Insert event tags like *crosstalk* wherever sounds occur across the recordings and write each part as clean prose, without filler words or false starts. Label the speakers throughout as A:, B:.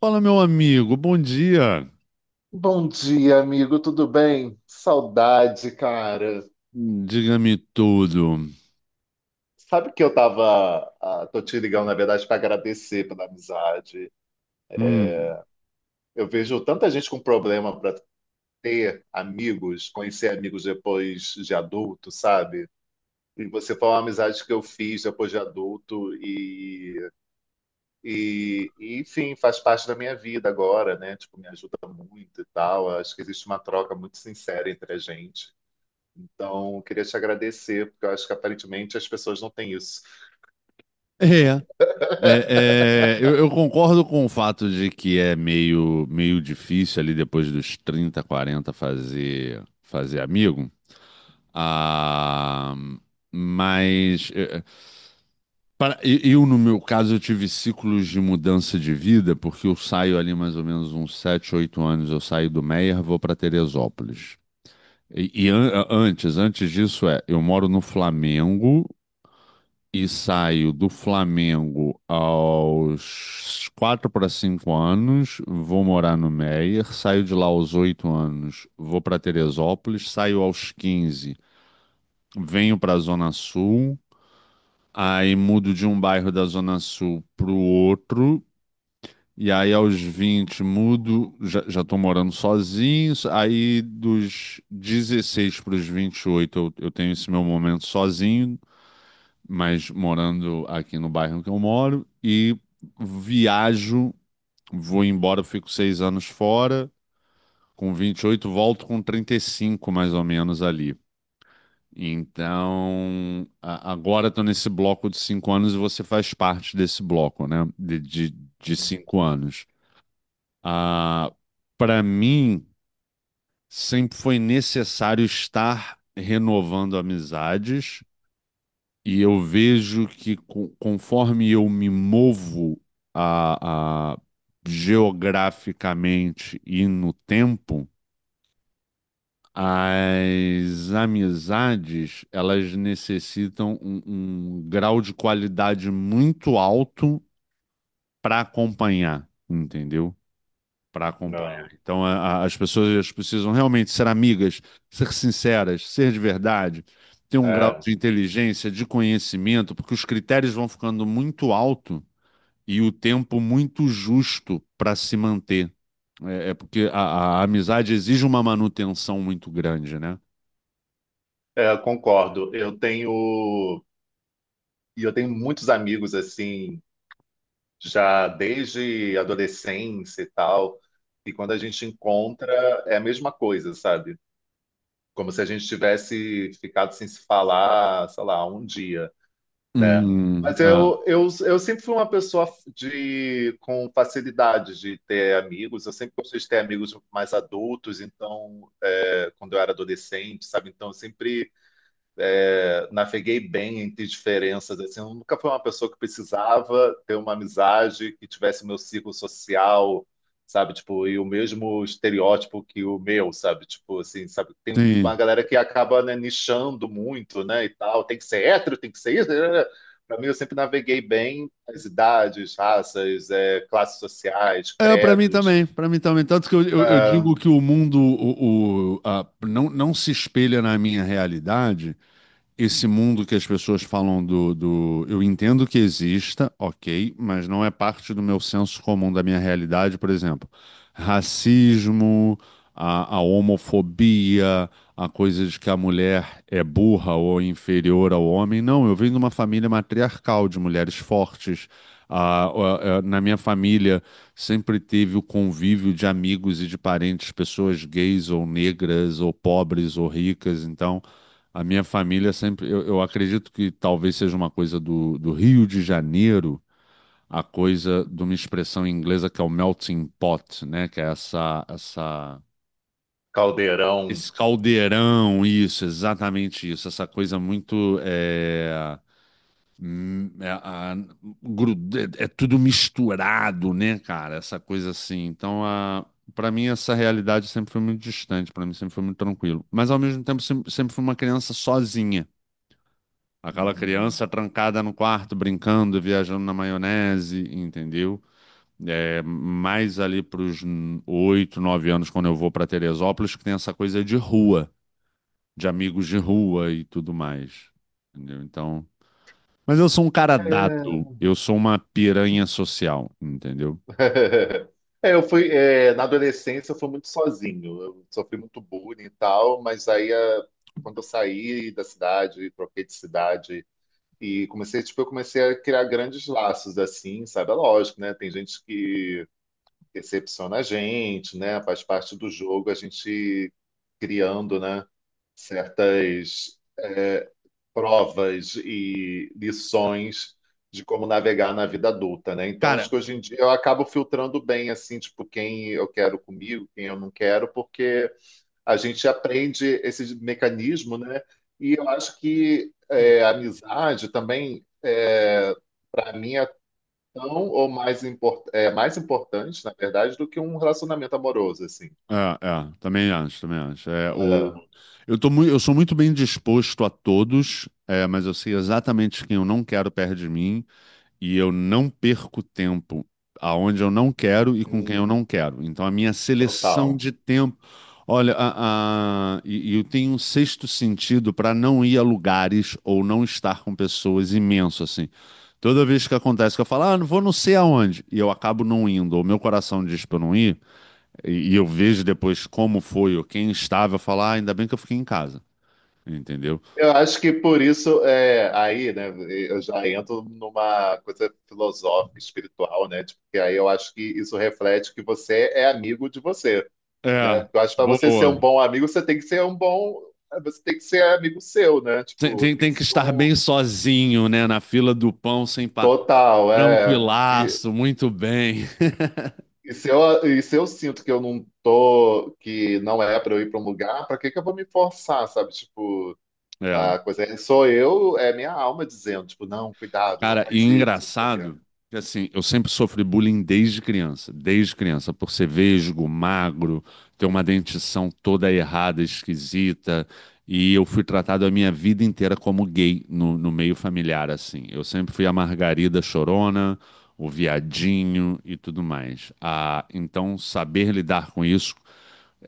A: Fala, meu amigo, bom dia.
B: Bom dia, amigo, tudo bem? Saudade, cara.
A: Diga-me tudo.
B: Sabe que eu tava. Ah, Tô te ligando, na verdade, para agradecer pela amizade.
A: Hum.
B: Eu vejo tanta gente com problema para ter amigos, conhecer amigos depois de adulto, sabe? E você foi uma amizade que eu fiz depois de adulto e enfim, faz parte da minha vida agora, né? Tipo, me ajuda muito e tal. Acho que existe uma troca muito sincera entre a gente. Então, eu queria te agradecer, porque eu acho que aparentemente as pessoas não têm isso.
A: É, é, eu concordo com o fato de que é meio difícil ali depois dos 30, 40 fazer, amigo. Ah, mas eu, no meu caso, eu tive ciclos de mudança de vida, porque eu saio ali mais ou menos uns 7, 8 anos. Eu saio do Meier, vou para Teresópolis. Antes disso eu moro no Flamengo e saio do Flamengo aos 4 para 5 anos, vou morar no Meier, saio de lá aos 8 anos, vou para Teresópolis, saio aos 15, venho para a Zona Sul, aí mudo de um bairro da Zona Sul para o outro. E aí, aos 20 mudo, já tô morando sozinho. Aí, dos 16 para os 28 eu tenho esse meu momento sozinho, mas morando aqui no bairro que eu moro. E viajo, vou embora, fico seis anos fora. Com 28 volto com 35 mais ou menos, ali. Então, agora estou nesse bloco de cinco anos e você faz parte desse bloco, né? De cinco anos. Ah, para mim, sempre foi necessário estar renovando amizades, e eu vejo que conforme eu me movo a, a- geograficamente e no tempo, as amizades elas necessitam um grau de qualidade muito alto para acompanhar, entendeu? Para acompanhar.
B: Não.
A: Então, as pessoas precisam realmente ser amigas, ser sinceras, ser de verdade, ter um grau
B: É.
A: de inteligência, de conhecimento, porque os critérios vão ficando muito alto e o tempo muito justo para se manter. É, é porque a amizade exige uma manutenção muito grande, né?
B: É, concordo. Eu tenho e eu tenho muitos amigos assim, já desde adolescência e tal, e quando a gente encontra é a mesma coisa, sabe? Como se a gente tivesse ficado sem se falar, sei lá, um dia, né? Mas eu,
A: Ah,
B: eu, eu sempre fui uma pessoa de com facilidade de ter amigos. Eu sempre gostei de ter amigos mais adultos, então quando eu era adolescente, sabe? Então eu sempre naveguei bem entre diferenças, assim, eu nunca fui uma pessoa que precisava ter uma amizade que tivesse o meu círculo social, sabe? Tipo, e o mesmo estereótipo que o meu, sabe? Tipo, assim, sabe? Tem
A: sim.
B: uma galera que acaba, né, nichando muito, né, e tal, tem que ser hétero, tem que ser isso. Para mim, eu sempre naveguei bem as idades, raças, classes sociais,
A: É, para mim
B: credos,
A: também, para mim também. Tanto que eu digo
B: ah,
A: que o mundo não, não se espelha na minha realidade, esse mundo que as pessoas falam do. Eu entendo que exista, ok, mas não é parte do meu senso comum, da minha realidade, por exemplo. Racismo, a homofobia, a coisa de que a mulher é burra ou inferior ao homem. Não, eu venho de uma família matriarcal, de mulheres fortes. Ah, na minha família sempre teve o convívio de amigos e de parentes, pessoas gays ou negras ou pobres ou ricas, então. A minha família sempre. Eu acredito que talvez seja uma coisa do Rio de Janeiro, a coisa de uma expressão inglesa que é o melting pot, né? Que é
B: caldeirão.
A: esse caldeirão, isso, exatamente isso. Essa coisa muito. Hum, é, a- gru- É tudo misturado, né, cara? Essa coisa assim. Então, a. Para mim, essa realidade sempre foi muito distante, para mim sempre foi muito tranquilo. Mas, ao mesmo tempo, sempre fui uma criança sozinha. Aquela
B: Uhum.
A: criança trancada no quarto, brincando, viajando na maionese, entendeu? É, mais ali para os oito, nove anos, quando eu vou para Teresópolis, que tem essa coisa de rua, de amigos de rua e tudo mais. Entendeu? Então. Mas eu sou um cara dado, eu sou uma piranha social, entendeu?
B: É, eu fui, é, na adolescência eu fui muito sozinho, eu sofri muito bullying e tal, mas quando eu saí da cidade, troquei de cidade e comecei, tipo, eu comecei a criar grandes laços assim, sabe? É lógico, né? Tem gente que decepciona a gente, né? Faz parte do jogo a gente criando, né? Certas é, provas e lições de como navegar na vida adulta, né? Então,
A: Cara,
B: acho que hoje em dia eu acabo filtrando bem, assim, tipo, quem eu quero comigo, quem eu não quero, porque a gente aprende esse mecanismo, né? E eu acho que é, a amizade também, é, para mim, é tão ou mais importante, na verdade, do que um relacionamento amoroso, assim.
A: também acho, também acho.
B: É,
A: Eu sou muito bem disposto a todos, é, mas eu sei exatamente quem eu não quero perto de mim. E eu não perco tempo aonde eu não quero e com quem
B: hum,
A: eu não quero. Então a minha seleção
B: total.
A: de tempo, olha, e eu tenho um sexto sentido para não ir a lugares ou não estar com pessoas imenso assim. Toda vez que acontece que eu falo, ah, não vou não sei aonde, e eu acabo não indo, ou meu coração diz para eu não ir, e eu vejo depois como foi ou quem estava, eu falo, ah, ainda bem que eu fiquei em casa, entendeu?
B: Eu acho que por isso, é, aí, né, eu já entro numa coisa filosófica, espiritual, né, tipo, que aí eu acho que isso reflete que você é amigo de você, né,
A: É,
B: porque eu acho que para você ser um
A: boa.
B: bom amigo, você tem que ser um bom, você tem que ser amigo seu, né,
A: Tem,
B: tipo,
A: tem,
B: tem que
A: tem que
B: ser
A: estar
B: um
A: bem sozinho, né? Na fila do pão, sem pa...
B: total, é,
A: tranquilaço, muito bem. *laughs*
B: e se eu sinto que eu não tô, que não é para eu ir para um lugar, para que que eu vou me forçar, sabe, tipo,
A: É.
B: a coisa é, sou eu, é minha alma dizendo, tipo, não, cuidado, não
A: Cara, e
B: faz isso, não sei o quê.
A: engraçado que assim, eu sempre sofri bullying desde criança, por ser vesgo, magro, ter uma dentição toda errada, esquisita, e eu fui tratado a minha vida inteira como gay no meio familiar, assim. Eu sempre fui a Margarida Chorona, o viadinho e tudo mais. Ah, então, saber lidar com isso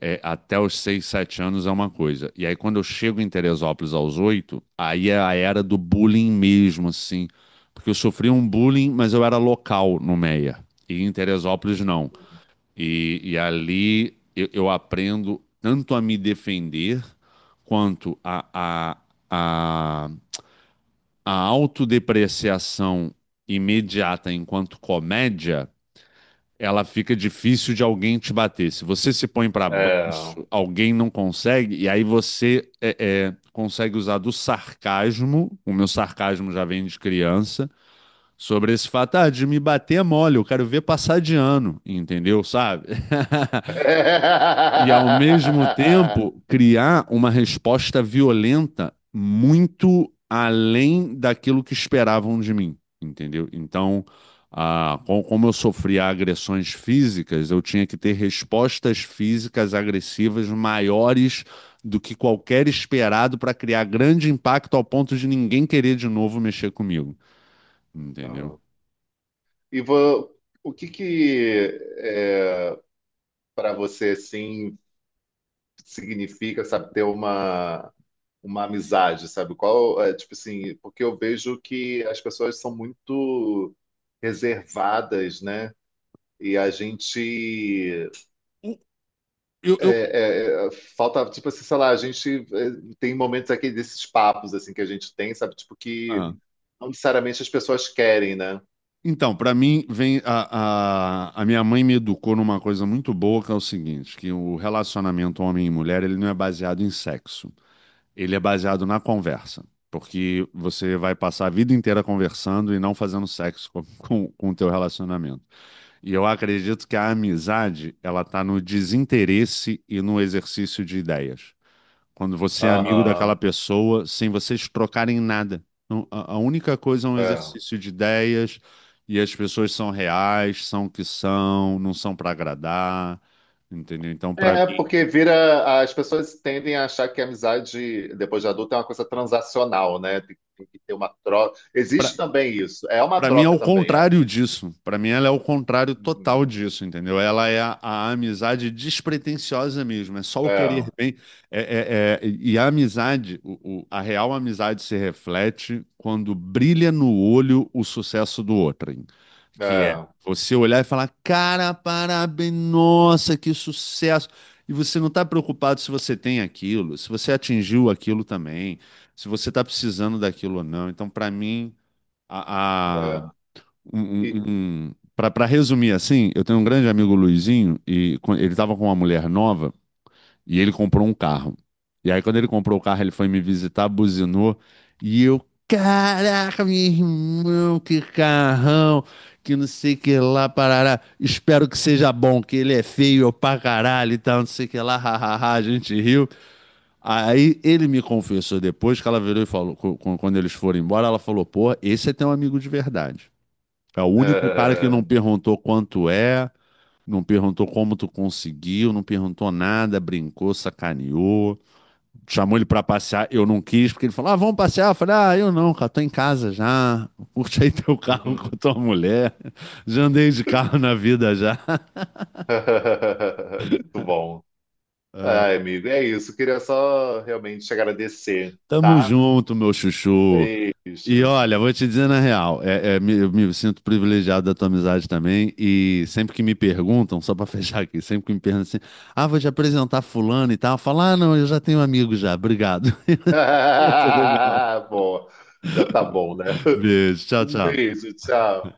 A: é, até os 6 7 anos é uma coisa. E aí, quando eu chego em Teresópolis aos 8 aí é a era do bullying mesmo, assim. Porque eu sofri um bullying, mas eu era local no Meia. E em Teresópolis, não. E ali eu aprendo tanto a me defender, quanto a, a autodepreciação imediata enquanto comédia ela fica difícil de alguém te bater. Se você se põe para
B: É.
A: baixo, alguém não consegue, e aí você consegue usar do sarcasmo, o meu sarcasmo já vem de criança, sobre esse fato, ah, de me bater é mole, eu quero ver passar de ano, entendeu? Sabe? E ao mesmo tempo
B: *laughs*
A: criar uma resposta violenta muito além daquilo que esperavam de mim, entendeu? Então, ah, como eu sofria agressões físicas, eu tinha que ter respostas físicas agressivas maiores do que qualquer esperado para criar grande impacto ao ponto de ninguém querer de novo mexer comigo, entendeu?
B: Não. E vo- o que que para você assim significa, sabe, ter uma amizade, sabe? Qual é, tipo assim, porque eu vejo que as pessoas são muito reservadas, né? E a gente
A: O- eu,
B: É, é, é, falta, tipo assim, sei lá, a gente é, tem momentos aqui desses papos, assim, que a gente tem, sabe? Tipo, que
A: ah.
B: não necessariamente as pessoas querem, né?
A: Então, para mim, vem a minha mãe me educou numa coisa muito boa, que é o seguinte, que o relacionamento homem e mulher, ele não é baseado em sexo, ele é baseado na conversa, porque você vai passar a vida inteira conversando e não fazendo sexo com, *laughs* com o teu relacionamento. E eu acredito que a amizade, ela tá no desinteresse e no exercício de ideias. Quando você é amigo daquela
B: Aham,
A: pessoa, sem vocês trocarem nada. Então, a única coisa é um
B: é.
A: exercício de ideias e as pessoas são reais, são o que são, não são para agradar, entendeu? Então,
B: É, porque vira, as pessoas tendem a achar que a amizade, depois de adulta, é uma coisa transacional, né? Tem que ter uma troca. Existe também isso, é uma
A: pra mim é
B: troca
A: o
B: também, é.
A: contrário disso. Pra mim ela é o contrário
B: Uhum.
A: total disso, entendeu? Ela é a amizade despretensiosa mesmo. É só o
B: É,
A: querer bem. É, e a amizade, a real amizade se reflete quando brilha no olho o sucesso do outro, hein? Que é
B: é,
A: você olhar e falar, cara, parabéns, nossa, que sucesso. E você não está preocupado se você tem aquilo, se você atingiu aquilo também, se você está precisando daquilo ou não. Então, para mim a,
B: é. E-
A: um, para resumir assim, eu tenho um grande amigo Luizinho e ele estava com uma mulher nova e ele comprou um carro. E aí quando ele comprou o carro, ele foi me visitar, buzinou e eu, caraca, meu irmão, que carrão, que não sei que lá, parará. Espero que seja bom, que ele é feio pra caralho e tal, não sei que lá, hahaha, a gente riu. Aí ele me confessou depois que ela virou e falou, quando eles foram embora, ela falou, pô, esse é teu amigo de verdade. É o único cara que
B: é.
A: não perguntou quanto é, não perguntou como tu conseguiu, não perguntou nada, brincou, sacaneou. Chamou ele pra passear, eu não quis, porque ele falou: Ah, vamos passear. Eu falei: Ah, eu não, cara, tô em casa já. Curte aí teu carro *laughs* com tua
B: *laughs*
A: mulher. Já andei de carro na vida já.
B: Muito bom.
A: Ah,
B: Ai, amigo, é isso. Queria só realmente te agradecer,
A: tamo
B: tá?
A: junto, meu chuchu. E
B: Beijo.
A: olha, vou te dizer na real, eu me sinto privilegiado da tua amizade também, e sempre que me perguntam, só pra *laughs* fechar aqui, sempre que me perguntam assim, ah, vou te apresentar fulano e tal, eu falo, ah, não, eu já tenho amigo já, obrigado. *laughs* Isso é legal.
B: *laughs* Boa, já tá bom, né?
A: Beijo, tchau,
B: Um
A: tchau.
B: beijo, tchau.